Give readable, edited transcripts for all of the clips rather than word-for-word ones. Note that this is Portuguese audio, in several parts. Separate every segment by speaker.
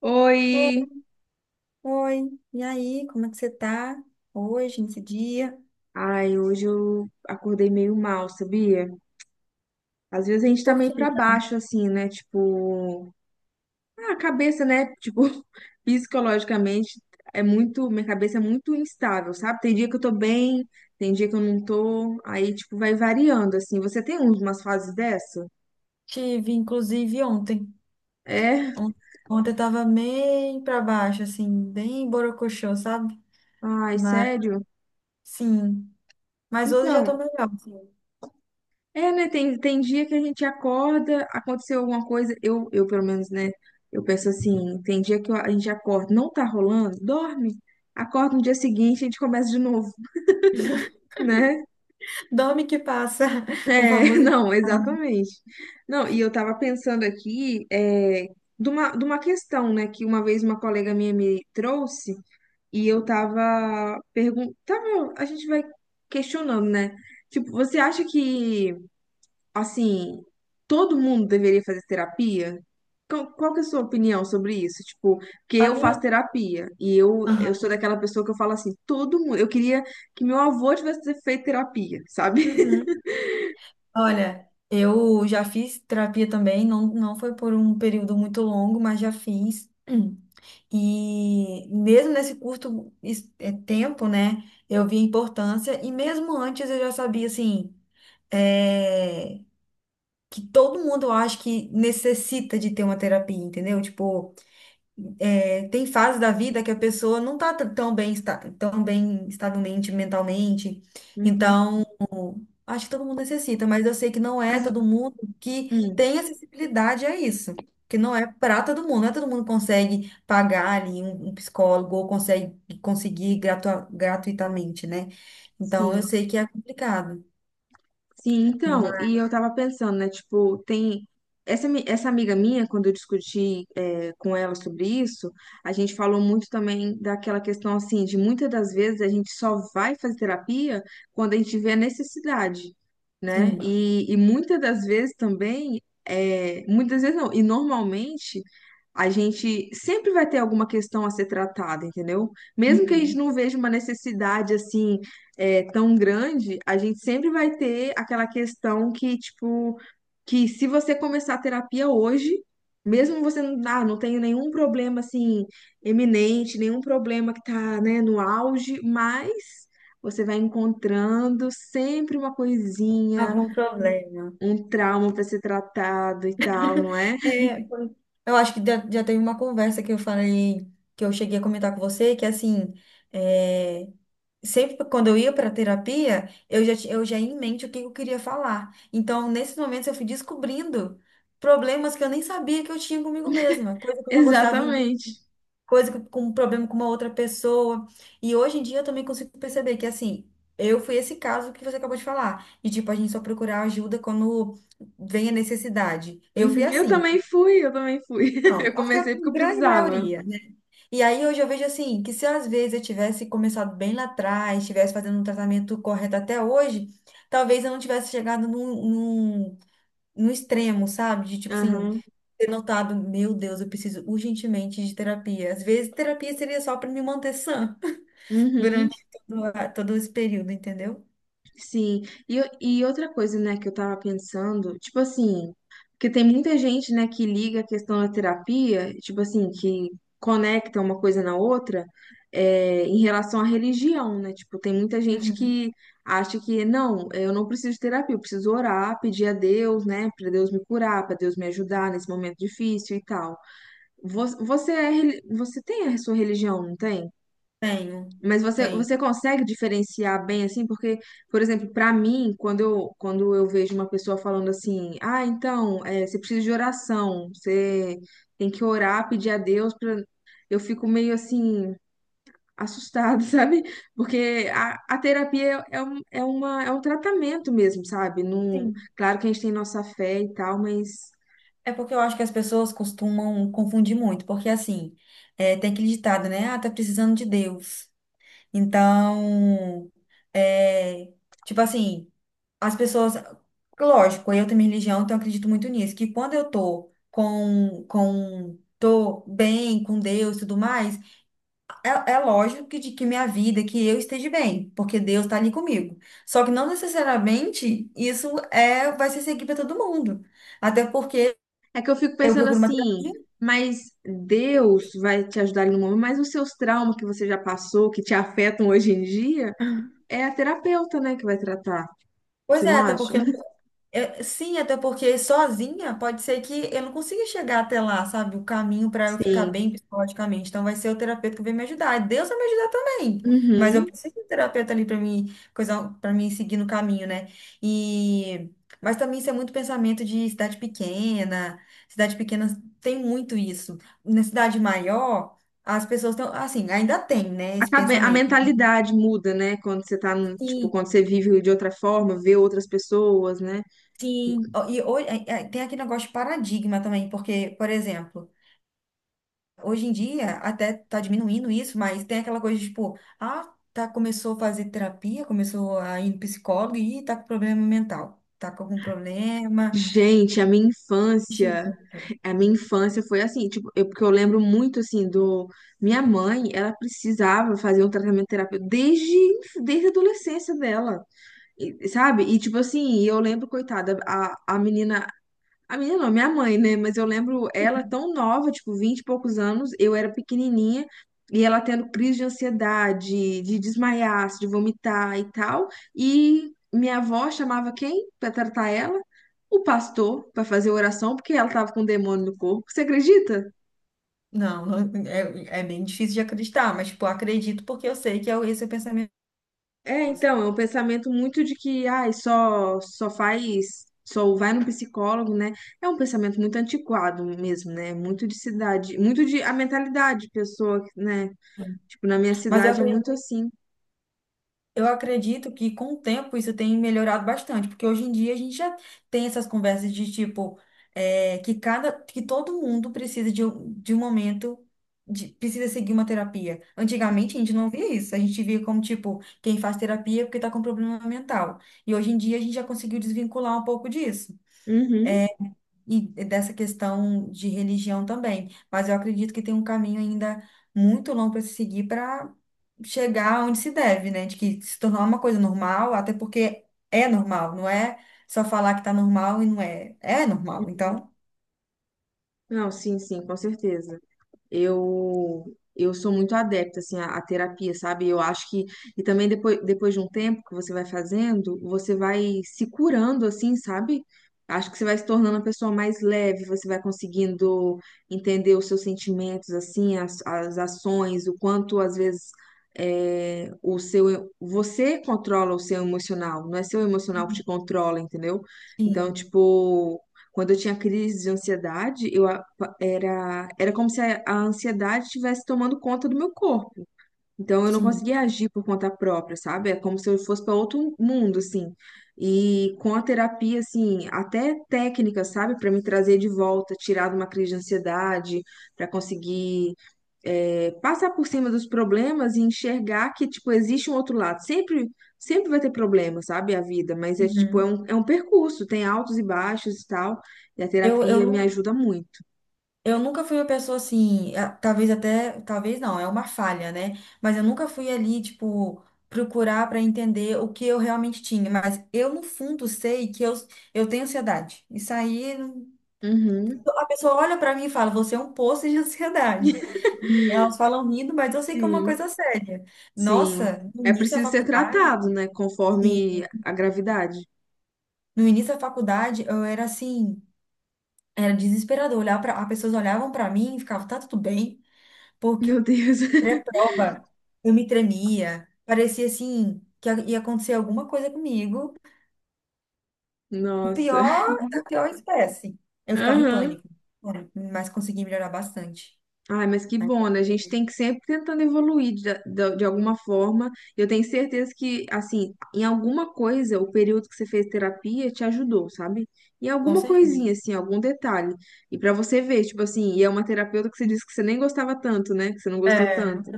Speaker 1: Oi!
Speaker 2: Oi, oi. E aí, como é que você tá hoje, nesse dia?
Speaker 1: Ai, hoje eu acordei meio mal, sabia? Às vezes a gente tá meio
Speaker 2: Porque
Speaker 1: pra baixo, assim, né? Tipo, ah, a cabeça, né? Tipo, psicologicamente é muito, minha cabeça é muito instável, sabe? Tem dia que eu tô bem, tem dia que eu não tô, aí, tipo, vai variando, assim. Você tem umas fases dessa?
Speaker 2: tive, inclusive, ontem.
Speaker 1: É?
Speaker 2: On- Ontem eu tava bem pra baixo, assim, bem borocochô, sabe?
Speaker 1: Ai,
Speaker 2: Mas,
Speaker 1: sério?
Speaker 2: sim. Mas hoje já tô
Speaker 1: Então,
Speaker 2: melhor, assim.
Speaker 1: é, né? Tem dia que a gente acorda, aconteceu alguma coisa, eu pelo menos, né? Eu penso assim, tem dia que a gente acorda, não tá rolando, dorme, acorda no dia seguinte, a gente começa de novo, né?
Speaker 2: Dorme que passa,
Speaker 1: É,
Speaker 2: o famoso.
Speaker 1: não, exatamente. Não, e eu tava pensando aqui, é, de uma questão, né, que uma vez uma colega minha me trouxe, e eu tava perguntando, tava, a gente vai questionando, né? Tipo, você acha que assim, todo mundo deveria fazer terapia? Qual que é a sua opinião sobre isso? Tipo, porque
Speaker 2: A
Speaker 1: eu faço
Speaker 2: minha...
Speaker 1: terapia e eu
Speaker 2: Aham.
Speaker 1: sou daquela pessoa que eu falo assim, todo mundo, eu queria que meu avô tivesse feito terapia, sabe?
Speaker 2: Uhum. Olha, eu já fiz terapia também, não, foi por um período muito longo, mas já fiz. E mesmo nesse curto tempo, né, eu vi a importância, e mesmo antes eu já sabia, assim, eh, que todo mundo eu acho que necessita de ter uma terapia, entendeu? Tipo, tem fases da vida que a pessoa não tá tão bem, tão bem, estável mente, mentalmente.
Speaker 1: Uhum.
Speaker 2: Então, acho que todo mundo necessita, mas eu sei que não é
Speaker 1: Mas,
Speaker 2: todo mundo que
Speaker 1: hum,
Speaker 2: tem acessibilidade a isso. Que não é para todo mundo, não é todo mundo que consegue pagar ali um psicólogo ou consegue conseguir gratuitamente, né? Então
Speaker 1: sim.
Speaker 2: eu sei que é complicado,
Speaker 1: Sim, então, e
Speaker 2: mas
Speaker 1: eu tava pensando, né, tipo, tem essa, essa amiga minha, quando eu discuti é, com ela sobre isso, a gente falou muito também daquela questão, assim, de muitas das vezes a gente só vai fazer terapia quando a gente vê a necessidade, né,
Speaker 2: sim,
Speaker 1: e muitas das vezes também, é, muitas vezes não, e normalmente a gente sempre vai ter alguma questão a ser tratada, entendeu? Mesmo que a gente
Speaker 2: uhum,
Speaker 1: não veja uma necessidade, assim, é, tão grande, a gente sempre vai ter aquela questão que, tipo, que se você começar a terapia hoje, mesmo você não, ah, não tenha nenhum problema, assim, eminente, nenhum problema que tá, né, no auge, mas você vai encontrando sempre uma coisinha,
Speaker 2: algum problema.
Speaker 1: um trauma para ser tratado e tal, não é?
Speaker 2: É, eu acho que já teve uma conversa que eu falei, que eu cheguei a comentar com você, que assim, é, sempre quando eu ia para terapia, eu já, eu já ia em mente o que eu queria falar. Então, nesses momentos, eu fui descobrindo problemas que eu nem sabia que eu tinha comigo mesma, coisa que eu não gostava em mim,
Speaker 1: Exatamente.
Speaker 2: coisa que, com um problema com uma outra pessoa. E hoje em dia eu também consigo perceber que, assim, eu fui esse caso que você acabou de falar, de tipo, a gente só procurar ajuda quando vem a necessidade. Eu fui
Speaker 1: Uhum. Eu
Speaker 2: assim, né?
Speaker 1: também fui, eu também fui.
Speaker 2: Não,
Speaker 1: Eu
Speaker 2: acho que é a
Speaker 1: comecei porque eu
Speaker 2: grande
Speaker 1: precisava.
Speaker 2: maioria. E aí hoje eu vejo assim, que se às vezes eu tivesse começado bem lá atrás, tivesse fazendo um tratamento correto até hoje, talvez eu não tivesse chegado num extremo, sabe? De tipo assim,
Speaker 1: Aham.
Speaker 2: ter notado, meu Deus, eu preciso urgentemente de terapia. Às vezes terapia seria só para me manter sã
Speaker 1: Uhum.
Speaker 2: durante todo, todo esse período, entendeu?
Speaker 1: Sim, e, e outra coisa, né, que eu tava pensando, tipo assim, porque tem muita gente, né, que liga a questão da terapia, tipo assim, que conecta uma coisa na outra, é, em relação à religião, né? Tipo, tem muita gente
Speaker 2: Uhum.
Speaker 1: que acha que, não, eu não preciso de terapia, eu preciso orar, pedir a Deus, né, pra Deus me curar, pra Deus me ajudar nesse momento difícil e tal. Você é, você tem a sua religião, não tem?
Speaker 2: Tenho,
Speaker 1: Mas você,
Speaker 2: tenho.
Speaker 1: você consegue diferenciar bem assim? Porque, por exemplo, para mim, quando eu vejo uma pessoa falando assim, ah, então, você precisa de oração, você tem que orar, pedir a Deus, pra... eu fico meio assim, assustada, sabe? Porque a terapia é, um, é uma, é um tratamento mesmo, sabe? Não,
Speaker 2: Sim.
Speaker 1: claro que a gente tem nossa fé e tal, mas.
Speaker 2: É porque eu acho que as pessoas costumam confundir muito, porque assim, é, tem aquele ditado, né? Ah, tá precisando de Deus. Então, é, tipo assim, as pessoas, lógico, eu tenho minha religião, então eu acredito muito nisso, que quando eu tô tô bem com Deus e tudo mais, é, é lógico que, de, que minha vida, que eu esteja bem, porque Deus tá ali comigo. Só que não necessariamente isso é, vai ser seguir para todo mundo. Até porque
Speaker 1: É que eu fico
Speaker 2: eu
Speaker 1: pensando
Speaker 2: procuro uma
Speaker 1: assim,
Speaker 2: terapia.
Speaker 1: mas Deus vai te ajudar ali no momento, mas os seus traumas que você já passou, que te afetam hoje em dia, é a terapeuta, né, que vai tratar.
Speaker 2: Pois
Speaker 1: Você
Speaker 2: é,
Speaker 1: não
Speaker 2: até
Speaker 1: acha?
Speaker 2: porque eu é, sim, até porque sozinha pode ser que eu não consiga chegar até lá, sabe? O caminho para eu ficar
Speaker 1: Sim.
Speaker 2: bem psicologicamente. Então vai ser o terapeuta que vai me ajudar. E Deus vai me ajudar também. Mas eu
Speaker 1: Uhum.
Speaker 2: preciso de um terapeuta ali para mim, coisa, para mim seguir no caminho, né? E mas também isso é muito pensamento de cidade pequena. Cidade pequena tem muito isso. Na cidade maior, as pessoas estão assim, ainda tem, né,
Speaker 1: A,
Speaker 2: esse
Speaker 1: a
Speaker 2: pensamento.
Speaker 1: mentalidade muda, né? Quando você tá, tipo,
Speaker 2: Sim,
Speaker 1: quando você vive de outra forma, vê outras pessoas, né?
Speaker 2: sim, ó, e é, tem aquele negócio de paradigma também, porque, por exemplo, hoje em dia até tá diminuindo isso, mas tem aquela coisa de, tipo, ah, tá, começou a fazer terapia, começou a ir no psicólogo e tá com problema mental, tá com algum problema.
Speaker 1: Gente,
Speaker 2: Gente,
Speaker 1: a minha infância foi assim, tipo, eu, porque eu lembro muito, assim, do... Minha mãe, ela precisava fazer um tratamento terapêutico desde a adolescência dela. E- Sabe? E tipo assim, eu lembro, coitada, a menina. A menina não, minha mãe, né? Mas eu lembro ela tão nova, tipo, 20 e poucos anos, eu era pequenininha, e ela tendo crise de ansiedade, de desmaiar, de vomitar e tal. E minha avó chamava quem pra tratar ela? O pastor, pra fazer oração, porque ela tava com um demônio no corpo. Você acredita?
Speaker 2: não, não, é, é bem difícil de acreditar, mas, tipo, acredito porque eu sei que é esse é o pensamento.
Speaker 1: É, então, é um pensamento muito de que, ai, só faz, só vai no psicólogo, né? É um pensamento muito antiquado mesmo, né? Muito de cidade, muito de a mentalidade de pessoa, né? Tipo, na minha
Speaker 2: Mas eu
Speaker 1: cidade é muito assim.
Speaker 2: Eu acredito que com o tempo isso tem melhorado bastante, porque hoje em dia a gente já tem essas conversas de tipo, é, que cada, que todo mundo precisa de de um momento, precisa seguir uma terapia. Antigamente a gente não via isso, a gente via como tipo, quem faz terapia é porque está com problema mental. E hoje em dia a gente já conseguiu desvincular um pouco disso
Speaker 1: Uhum.
Speaker 2: e dessa questão de religião também. Mas eu acredito que tem um caminho ainda muito longo para se seguir para chegar onde se deve, né? De que se tornar uma coisa normal, até porque é normal, não é só falar que tá normal e não é. É normal, então.
Speaker 1: Não, sim, sim, com certeza. eu eu sou muito adepta assim à, à terapia, sabe? Eu acho que e também depois, depois de um tempo que você vai fazendo, você vai se curando assim, sabe? Acho que você vai se tornando uma pessoa mais leve, você vai conseguindo entender os seus sentimentos, assim, as ações, o quanto às vezes é, o seu você controla o seu emocional, não é seu emocional que te controla, entendeu? Então,
Speaker 2: Sim,
Speaker 1: tipo, quando eu tinha crise de ansiedade, eu, Era, era como se a ansiedade estivesse tomando conta do meu corpo. Então eu não
Speaker 2: sim.
Speaker 1: conseguia agir por conta própria, sabe? É como se eu fosse para outro mundo, assim. E com a terapia, assim, até técnica, sabe? Para me trazer de volta, tirar de uma crise de ansiedade, para conseguir é, passar por cima dos problemas e enxergar que, tipo, existe um outro lado. Sempre, sempre vai ter problema, sabe? A vida, mas é, tipo, é
Speaker 2: Uhum.
Speaker 1: um, é um percurso, tem altos e baixos e tal. E a
Speaker 2: Eu
Speaker 1: terapia me
Speaker 2: não.
Speaker 1: ajuda muito.
Speaker 2: Eu nunca fui uma pessoa assim, talvez até, talvez não, é uma falha, né? Mas eu nunca fui ali, tipo, procurar para entender o que eu realmente tinha. Mas eu, no fundo, sei que eu tenho ansiedade. Isso aí,
Speaker 1: Uhum.
Speaker 2: a pessoa olha para mim e fala, você é um poço de ansiedade. E elas falam rindo, mas eu sei que é uma
Speaker 1: Sim,
Speaker 2: coisa séria.
Speaker 1: sim.
Speaker 2: Nossa, no
Speaker 1: É
Speaker 2: início da
Speaker 1: preciso ser
Speaker 2: faculdade,
Speaker 1: tratado, né?
Speaker 2: sim,
Speaker 1: Conforme a gravidade.
Speaker 2: no início da faculdade, eu era assim, era desesperador. Olhar para, as pessoas olhavam para mim e ficavam, tá tudo bem?
Speaker 1: Meu Deus.
Speaker 2: Pré-prova, eu me tremia, parecia assim que ia acontecer alguma coisa comigo. O
Speaker 1: Nossa.
Speaker 2: pior, a pior espécie. Eu ficava em
Speaker 1: Aham.
Speaker 2: pânico, né? Mas consegui melhorar bastante,
Speaker 1: Ai, mas que
Speaker 2: né?
Speaker 1: bom, né? A gente tem que sempre tentando evoluir de alguma forma. Eu tenho certeza que, assim, em alguma coisa, o período que você fez terapia te ajudou, sabe? Em
Speaker 2: Com
Speaker 1: alguma coisinha,
Speaker 2: certeza.
Speaker 1: assim, algum detalhe. E pra você ver, tipo assim, e é uma terapeuta que você disse que você nem gostava tanto, né? Que você não gostou
Speaker 2: É,
Speaker 1: tanto.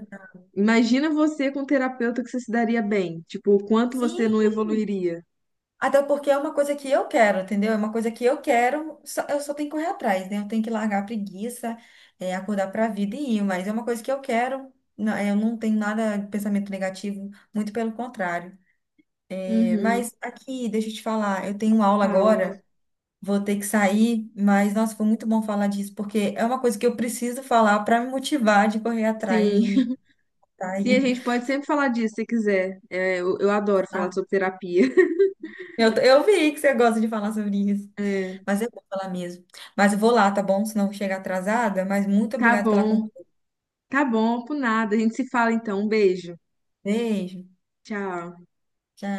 Speaker 1: Imagina você com um terapeuta que você se daria bem. Tipo, o quanto você
Speaker 2: sim,
Speaker 1: não evoluiria.
Speaker 2: até porque é uma coisa que eu quero, entendeu? É uma coisa que eu quero, eu só tenho que correr atrás, né? Eu tenho que largar a preguiça, é, acordar para a vida e ir, mas é uma coisa que eu quero. Não, eu não tenho nada de pensamento negativo, muito pelo contrário.
Speaker 1: Uhum.
Speaker 2: Mas aqui, deixa eu te falar, eu tenho aula
Speaker 1: Fala.
Speaker 2: agora, vou ter que sair, mas nossa, foi muito bom falar disso, porque é uma coisa que eu preciso falar para me motivar de correr atrás
Speaker 1: Sim.
Speaker 2: de tá
Speaker 1: Sim, a
Speaker 2: aí,
Speaker 1: gente pode sempre falar disso se quiser. É, eu adoro falar
Speaker 2: tá?
Speaker 1: sobre terapia.
Speaker 2: Eu vi que você gosta de falar sobre isso,
Speaker 1: É.
Speaker 2: mas eu vou falar mesmo. Mas eu vou lá, tá bom? Senão eu vou chegar atrasada, mas muito
Speaker 1: Tá
Speaker 2: obrigada pela
Speaker 1: bom.
Speaker 2: conversa.
Speaker 1: Tá bom, por nada. A gente se fala então. Um beijo.
Speaker 2: Beijo,
Speaker 1: Tchau.
Speaker 2: tchau.